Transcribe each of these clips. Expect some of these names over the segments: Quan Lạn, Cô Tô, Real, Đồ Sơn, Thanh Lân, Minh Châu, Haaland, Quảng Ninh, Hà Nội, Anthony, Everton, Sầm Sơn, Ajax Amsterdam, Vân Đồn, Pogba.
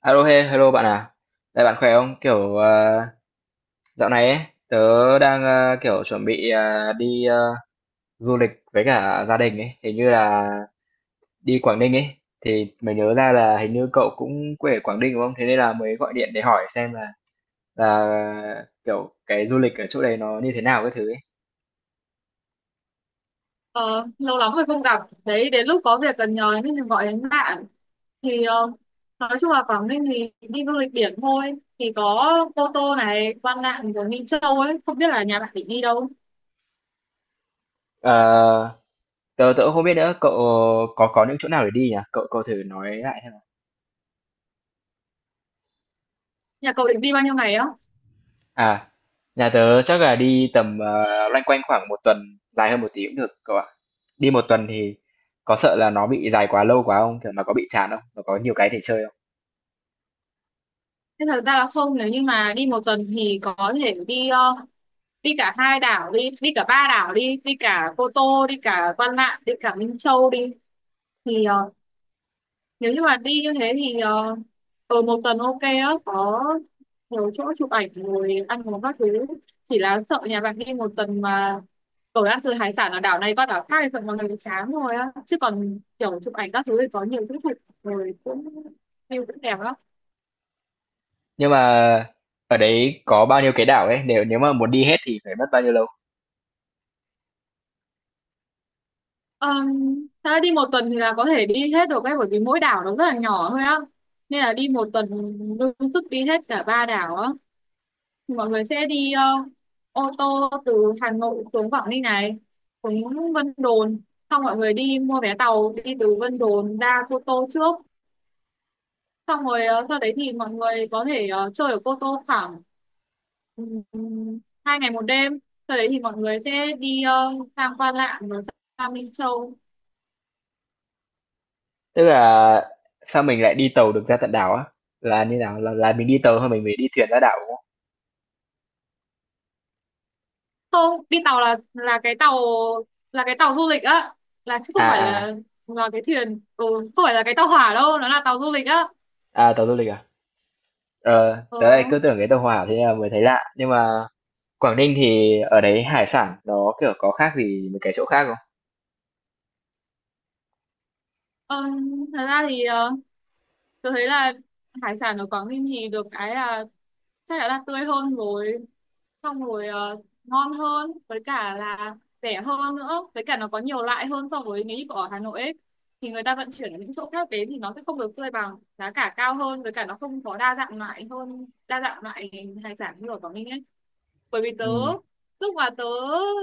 Alo, he, hello bạn à. Đây bạn khỏe không? Dạo này ấy, tớ đang kiểu chuẩn bị đi du lịch với cả gia đình ấy, hình như là đi Quảng Ninh ấy. Thì mới nhớ ra là hình như cậu cũng quê ở Quảng Ninh đúng không? Thế nên là mới gọi điện để hỏi xem là kiểu cái du lịch ở chỗ đấy nó như thế nào cái thứ ấy. Ờ, lâu lắm rồi không gặp. Đấy, đến lúc có việc cần nhờ nên mình gọi đến bạn. Thì nói chung là Quảng Ninh thì đi du lịch biển thôi. Thì có Cô Tô này, Quan Lạn rồi Minh Châu ấy. Không biết là nhà bạn định đi đâu. Ờ, tớ tớ cũng không biết nữa, cậu có những chỗ nào để đi nhỉ? Cậu cậu thử nói lại xem. Nhà cậu định đi bao nhiêu ngày á? À, nhà tớ chắc là đi tầm loanh quanh khoảng một tuần, dài hơn một tí cũng được cậu ạ. Đi một tuần thì có sợ là nó bị dài quá lâu quá không? Kiểu mà có bị chán không? Nó có nhiều cái để chơi không? Thế thật ra là không, nếu như mà đi một tuần thì có thể đi cả hai đảo đi, đi cả ba đảo đi, đi cả Cô Tô, đi cả Quan Lạn, đi cả Minh Châu đi. Thì nếu như mà đi như thế thì ở một tuần ok á, có nhiều chỗ chụp ảnh rồi ăn uống các thứ. Chỉ là sợ nhà bạn đi một tuần mà ở ăn từ hải sản ở đảo này qua đảo khác thì sợ mọi người chán rồi á, chứ còn kiểu chụp ảnh các thứ thì có nhiều chỗ chụp, rồi cũng view cũng đẹp lắm. Nhưng mà ở đấy có bao nhiêu cái đảo ấy? Nếu nếu mà muốn đi hết thì phải mất bao nhiêu lâu? um, Thật ra đi một tuần thì là có thể đi hết được ấy, bởi vì mỗi đảo nó rất là nhỏ thôi á, nên là đi một tuần đương sức đi hết cả ba đảo á. Mọi người sẽ đi ô tô từ Hà Nội xuống Quảng Ninh này, xuống Vân Đồn, xong mọi người đi mua vé tàu đi từ Vân Đồn ra Cô Tô trước. Xong rồi sau đấy thì mọi người có thể chơi ở Cô Tô khoảng ừm, 2 ngày một đêm. Sau đấy thì mọi người sẽ đi sang Quan Lạn rồi sang Minh Châu. Tức là sao mình lại đi tàu được ra tận đảo á? Là như nào? Là mình đi tàu hay mình phải đi thuyền ra đảo đúng không? Không, đi tàu là cái tàu, là cái tàu du lịch á, là chứ không À phải là à, cái thuyền. Ừ, Không phải là cái tàu hỏa đâu, nó là tàu du lịch á. à tàu du lịch à? Ờ, Ừ. tớ lại cứ tưởng cái tàu hỏa thế là mới thấy lạ. Nhưng mà Quảng Ninh thì ở đấy hải sản nó, kiểu, có khác gì mấy cái chỗ khác không? Ờ, thật ra thì tôi thấy là hải sản ở Quảng Ninh thì được cái là chắc chắn là tươi hơn rồi, xong rồi ngon hơn, với cả là rẻ hơn nữa, với cả nó có nhiều loại hơn so với nếu như ở Hà Nội ấy, thì người ta vận chuyển ở những chỗ khác đến thì nó sẽ không được tươi bằng, giá cả cao hơn, với cả nó không có đa dạng loại, hơn đa dạng loại hải sản như ở Quảng Ninh ấy. Bởi vì tớ Ừm, lúc mà tớ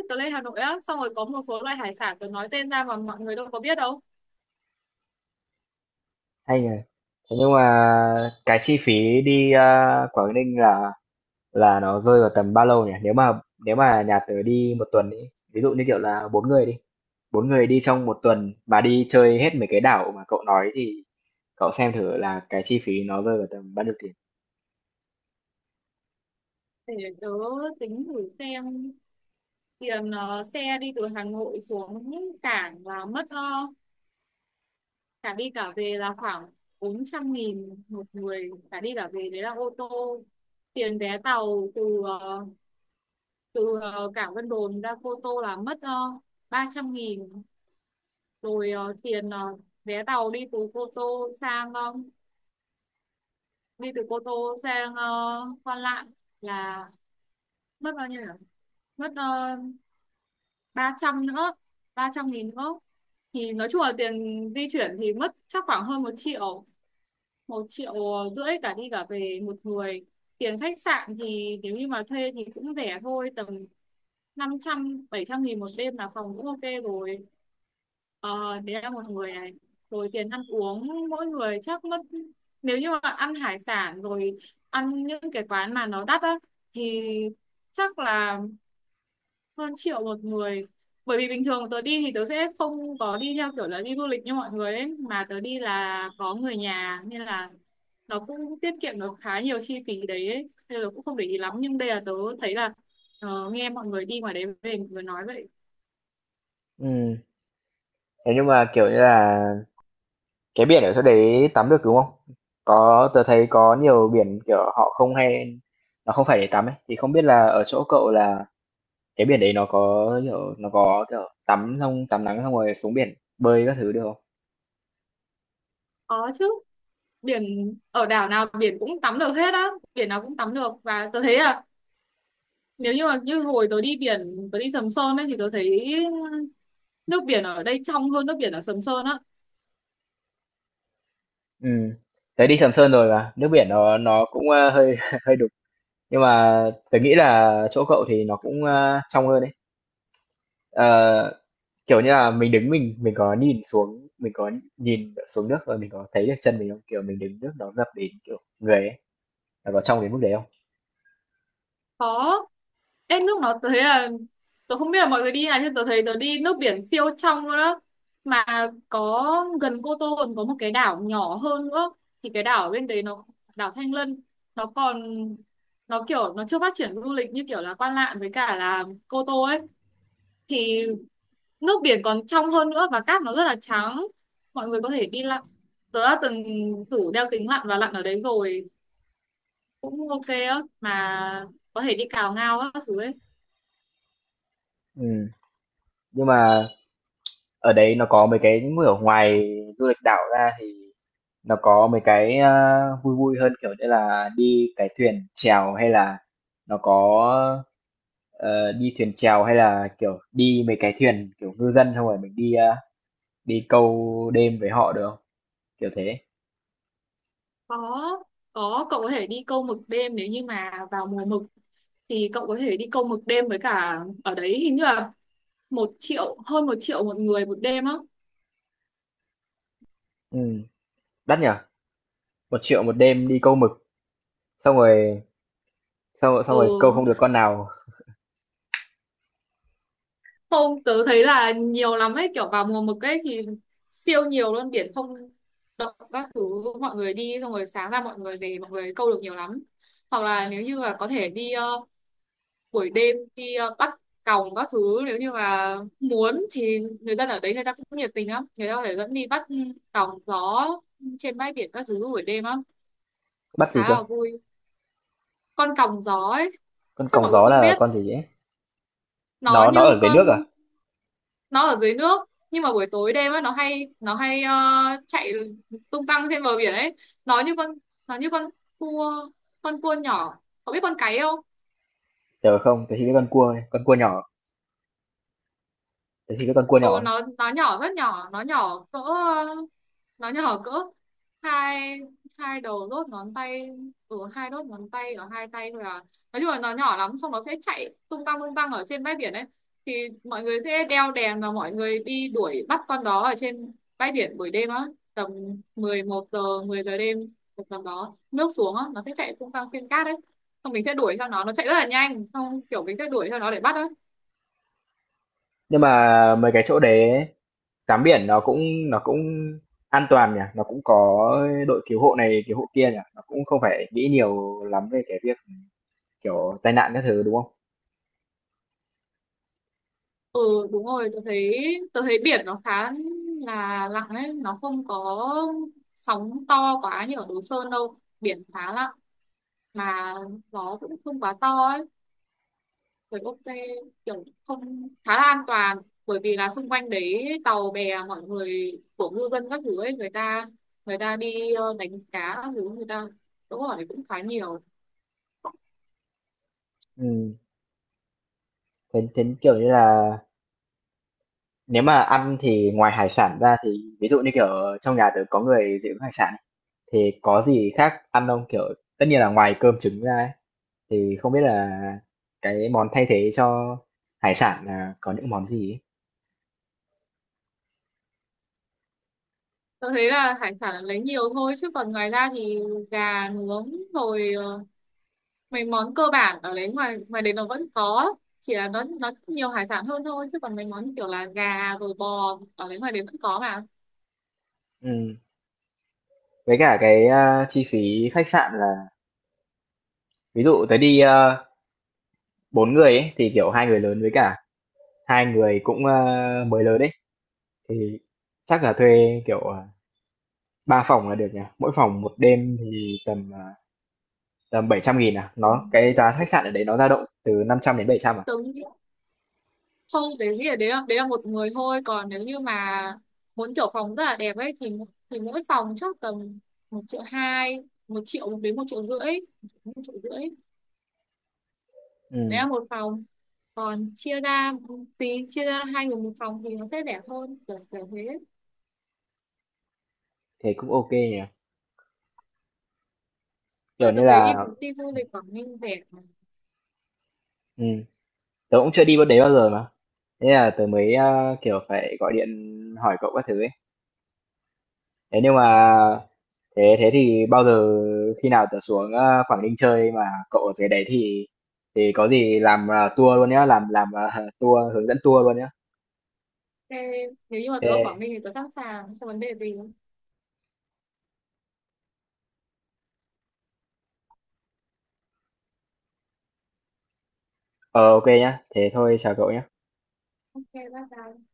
tớ lên Hà Nội á, xong rồi có một số loại hải sản tớ nói tên ra mà mọi người đâu có biết đâu. hay nhỉ. Thế nhưng mà cái chi phí đi, a, Quảng Ninh là nó rơi vào tầm bao lâu nhỉ? Nếu mà nhà tớ đi một tuần ấy, ví dụ như, kiểu là, 4 người đi trong một tuần mà đi chơi hết mấy cái đảo mà cậu nói thì cậu xem thử là cái chi phí nó rơi vào tầm bao nhiêu tiền. Để tớ tính thử xem, tiền xe đi từ Hà Nội xuống cảng là mất cả đi cả về là khoảng 400.000 một người cả đi cả về, đấy là ô tô. Tiền vé tàu từ cảng Vân Đồn ra Cô Tô là mất 300.000. Rồi tiền vé tàu đi từ Cô Tô sang Quan Lạn là mất bao nhiêu nhỉ, mất 300 nữa, 300.000 nữa. Thì nói chung là tiền di chuyển thì mất chắc khoảng hơn một triệu, một triệu rưỡi cả đi cả về một người. Tiền khách sạn thì nếu như mà thuê thì cũng rẻ thôi, tầm năm trăm, bảy trăm nghìn một đêm là phòng cũng ok rồi. Ờ, đấy là một người này. Rồi tiền ăn uống mỗi người chắc mất, nếu như mà ăn hải sản, rồi ăn những cái quán mà nó đắt á, thì chắc là hơn triệu một người. Bởi vì bình thường tớ đi thì tớ sẽ không có đi theo kiểu là đi du lịch như mọi người ấy, mà tớ đi là có người nhà nên là nó cũng tiết kiệm được khá nhiều chi phí đấy ấy. Nên là cũng không để ý lắm, nhưng đây là tớ thấy là, nghe mọi người đi ngoài đấy về mọi người nói vậy. Ừ, thế nhưng mà, kiểu như là cái biển ở chỗ đấy tắm được, đúng không? Có tớ thấy có nhiều biển, kiểu, họ không hay nó không phải để tắm ấy, thì không biết là ở chỗ cậu là cái biển đấy nó có, kiểu, tắm xong tắm nắng xong rồi xuống biển bơi các thứ được không? Có chứ, biển ở đảo nào biển cũng tắm được hết á, biển nào cũng tắm được. Và tôi thấy là, nếu như mà như hồi tôi đi biển, tôi đi Sầm Sơn ấy, thì tôi thấy nước biển ở đây trong hơn nước biển ở Sầm Sơn á. Ừ, tớ đi Sầm Sơn rồi mà, nước biển nó cũng, a, hơi hơi đục, nhưng mà tớ nghĩ là chỗ cậu thì nó cũng, a, trong hơn đấy. Ờ, kiểu như là, mình đứng mình có nhìn xuống, mình có nhìn xuống nước và mình có thấy được chân mình không? Kiểu, mình đứng nước nó ngập đến, kiểu, người ấy. Là có trong đến mức đấy không? Có. Ê, nước nó, tớ thấy là, tôi không biết là mọi người đi nào, nhưng tôi thấy tôi đi nước biển siêu trong luôn đó, mà có, gần Cô Tô còn có một cái đảo nhỏ hơn nữa, thì cái đảo ở bên đấy nó, đảo Thanh Lân, nó còn, nó kiểu nó chưa phát triển du lịch như kiểu là Quan Lạn với cả là Cô Tô ấy, thì nước biển còn trong hơn nữa và cát nó rất là trắng. Mọi người có thể đi lặn, tớ đã từng thử đeo kính lặn và lặn ở đấy rồi, cũng ok á, mà có thể đi cào ngao á các thứ ấy. Ừ, nhưng mà ở đấy nó có mấy cái như ở ngoài du lịch đảo ra thì nó có mấy cái, a, vui vui hơn, kiểu như là, đi cái thuyền chèo hay là nó có, đi thuyền chèo hay là, kiểu, đi mấy cái thuyền, kiểu, ngư dân không rồi mình đi, a, đi câu đêm với họ được không? Kiểu thế. có có cậu có thể đi câu mực đêm nếu như mà vào mùa mực, thì cậu có thể đi câu mực đêm, với cả ở đấy hình như là một triệu, hơn một triệu một người một đêm á. Ừ, đắt nhở? 1.000.000 một đêm đi câu mực, xong rồi xong rồi xong Ừ rồi câu không được con nào. không, tớ thấy là nhiều lắm ấy, kiểu vào mùa mực ấy thì siêu nhiều luôn, biển không động các thứ, mọi người đi xong rồi sáng ra mọi người về mọi người câu được nhiều lắm. Hoặc là nếu như là có thể đi buổi đêm, đi bắt còng các thứ, nếu như mà muốn thì người dân ở đấy người ta cũng nhiệt tình lắm, người ta có thể dẫn đi bắt còng gió trên bãi biển các thứ buổi đêm á, Bắt gì khá cơ? là vui. Con còng gió ấy, Con chắc còng mọi người gió không là biết, con gì ấy? nó Nó như ở dưới con, nước à? nó ở dưới nước nhưng mà buổi tối đêm á nó hay chạy tung tăng trên bờ biển ấy. Nó như con, nó như con cua, con cua nhỏ, có biết con cái không. Tớ không, tớ chỉ biết con cua thôi, con cua nhỏ, tớ chỉ biết con cua Ừ nhỏ thôi. nó nhỏ, rất nhỏ, nó nhỏ cỡ hai, hai đầu đốt ngón tay. Ừ hai đốt ngón tay ở hai tay thôi à, nói chung là nó nhỏ lắm, xong nó sẽ chạy tung tăng ở trên bãi biển ấy, thì mọi người sẽ đeo đèn và mọi người đi đuổi bắt con đó ở trên bãi biển buổi đêm á, tầm 11 giờ, 10 giờ đêm, một tầm đó nước xuống á nó sẽ chạy tung tăng trên cát ấy, xong mình sẽ đuổi theo nó chạy rất là nhanh, xong kiểu mình sẽ đuổi theo nó để bắt á. Nhưng mà mấy cái chỗ đấy ấy, tắm biển nó cũng an toàn nhỉ, nó cũng có đội cứu hộ này cứu hộ kia nhỉ, nó cũng không phải nghĩ nhiều lắm về cái việc kiểu tai nạn các thứ đúng không? Ừ đúng rồi, tôi thấy biển nó khá là lặng đấy, nó không có sóng to quá như ở Đồ Sơn đâu, biển khá lặng, mà gió cũng không quá to ấy, rồi ok kiểu không, khá là an toàn, bởi vì là xung quanh đấy tàu bè mọi người của ngư dân các thứ ấy, người ta, người ta đi đánh cá các thứ, người ta đỗ ở đấy cũng khá nhiều. Ừ. Thế kiểu như là nếu mà ăn thì ngoài hải sản ra thì ví dụ như kiểu trong nhà tớ có người dị ứng hải sản ấy, thì có gì khác ăn không? Kiểu tất nhiên là ngoài cơm trứng ra ấy, thì không biết là cái món thay thế cho hải sản là có những món gì ấy? Tôi thấy là hải sản là lấy nhiều thôi, chứ còn ngoài ra thì gà nướng rồi mấy món cơ bản ở đấy, ngoài ngoài đấy nó vẫn có, chỉ là nó nhiều hải sản hơn thôi, chứ còn mấy món như kiểu là gà rồi bò ở đấy ngoài đấy vẫn có mà. Ừm, với cả cái, a, chi phí khách sạn là ví dụ tới đi, ơ, 4 người ấy, thì, kiểu, 2 người lớn với cả 2 người cũng, ơ, mới lớn ấy, thì chắc là thuê, kiểu, à, 3 phòng là được nhỉ? Mỗi phòng một đêm thì tầm, à, tầm 700.000 à? Nó Cùng một cái triệu giá khách rưỡi. sạn ở đấy nó dao động từ năm trăm đến bảy trăm à? Tớ nghĩ không, đấy nghĩ là đấy là một người thôi, còn nếu như mà muốn kiểu phòng rất là đẹp ấy thì mỗi phòng chắc tầm một triệu hai, một triệu đến một triệu rưỡi, một triệu rưỡi đấy Ừm, là một phòng. Còn chia ra, tí chia ra hai người một phòng thì nó sẽ rẻ hơn, kiểu kiểu thế. thế cũng ok nhỉ? Kiểu Ôi, như tớ thấy đi, là đi du lịch Quảng Ninh rẻ mà. ừm, tớ cũng chưa đi bên đấy bao giờ mà. Thế là tớ mới kiểu phải gọi điện hỏi cậu các thứ ấy. Thế nhưng mà thế thế thì bao giờ khi nào tớ xuống Quảng Ninh chơi mà cậu ở dưới đấy thì có gì làm tour luôn nhá, làm tour hướng dẫn tour luôn nhá. Ok, nếu như mà tớ ở Quảng Ninh Ok, thì tớ sẵn sàng, không vấn đề gì. ờ ok nhá. Thế thôi chào cậu nhá. Ok, bye bye.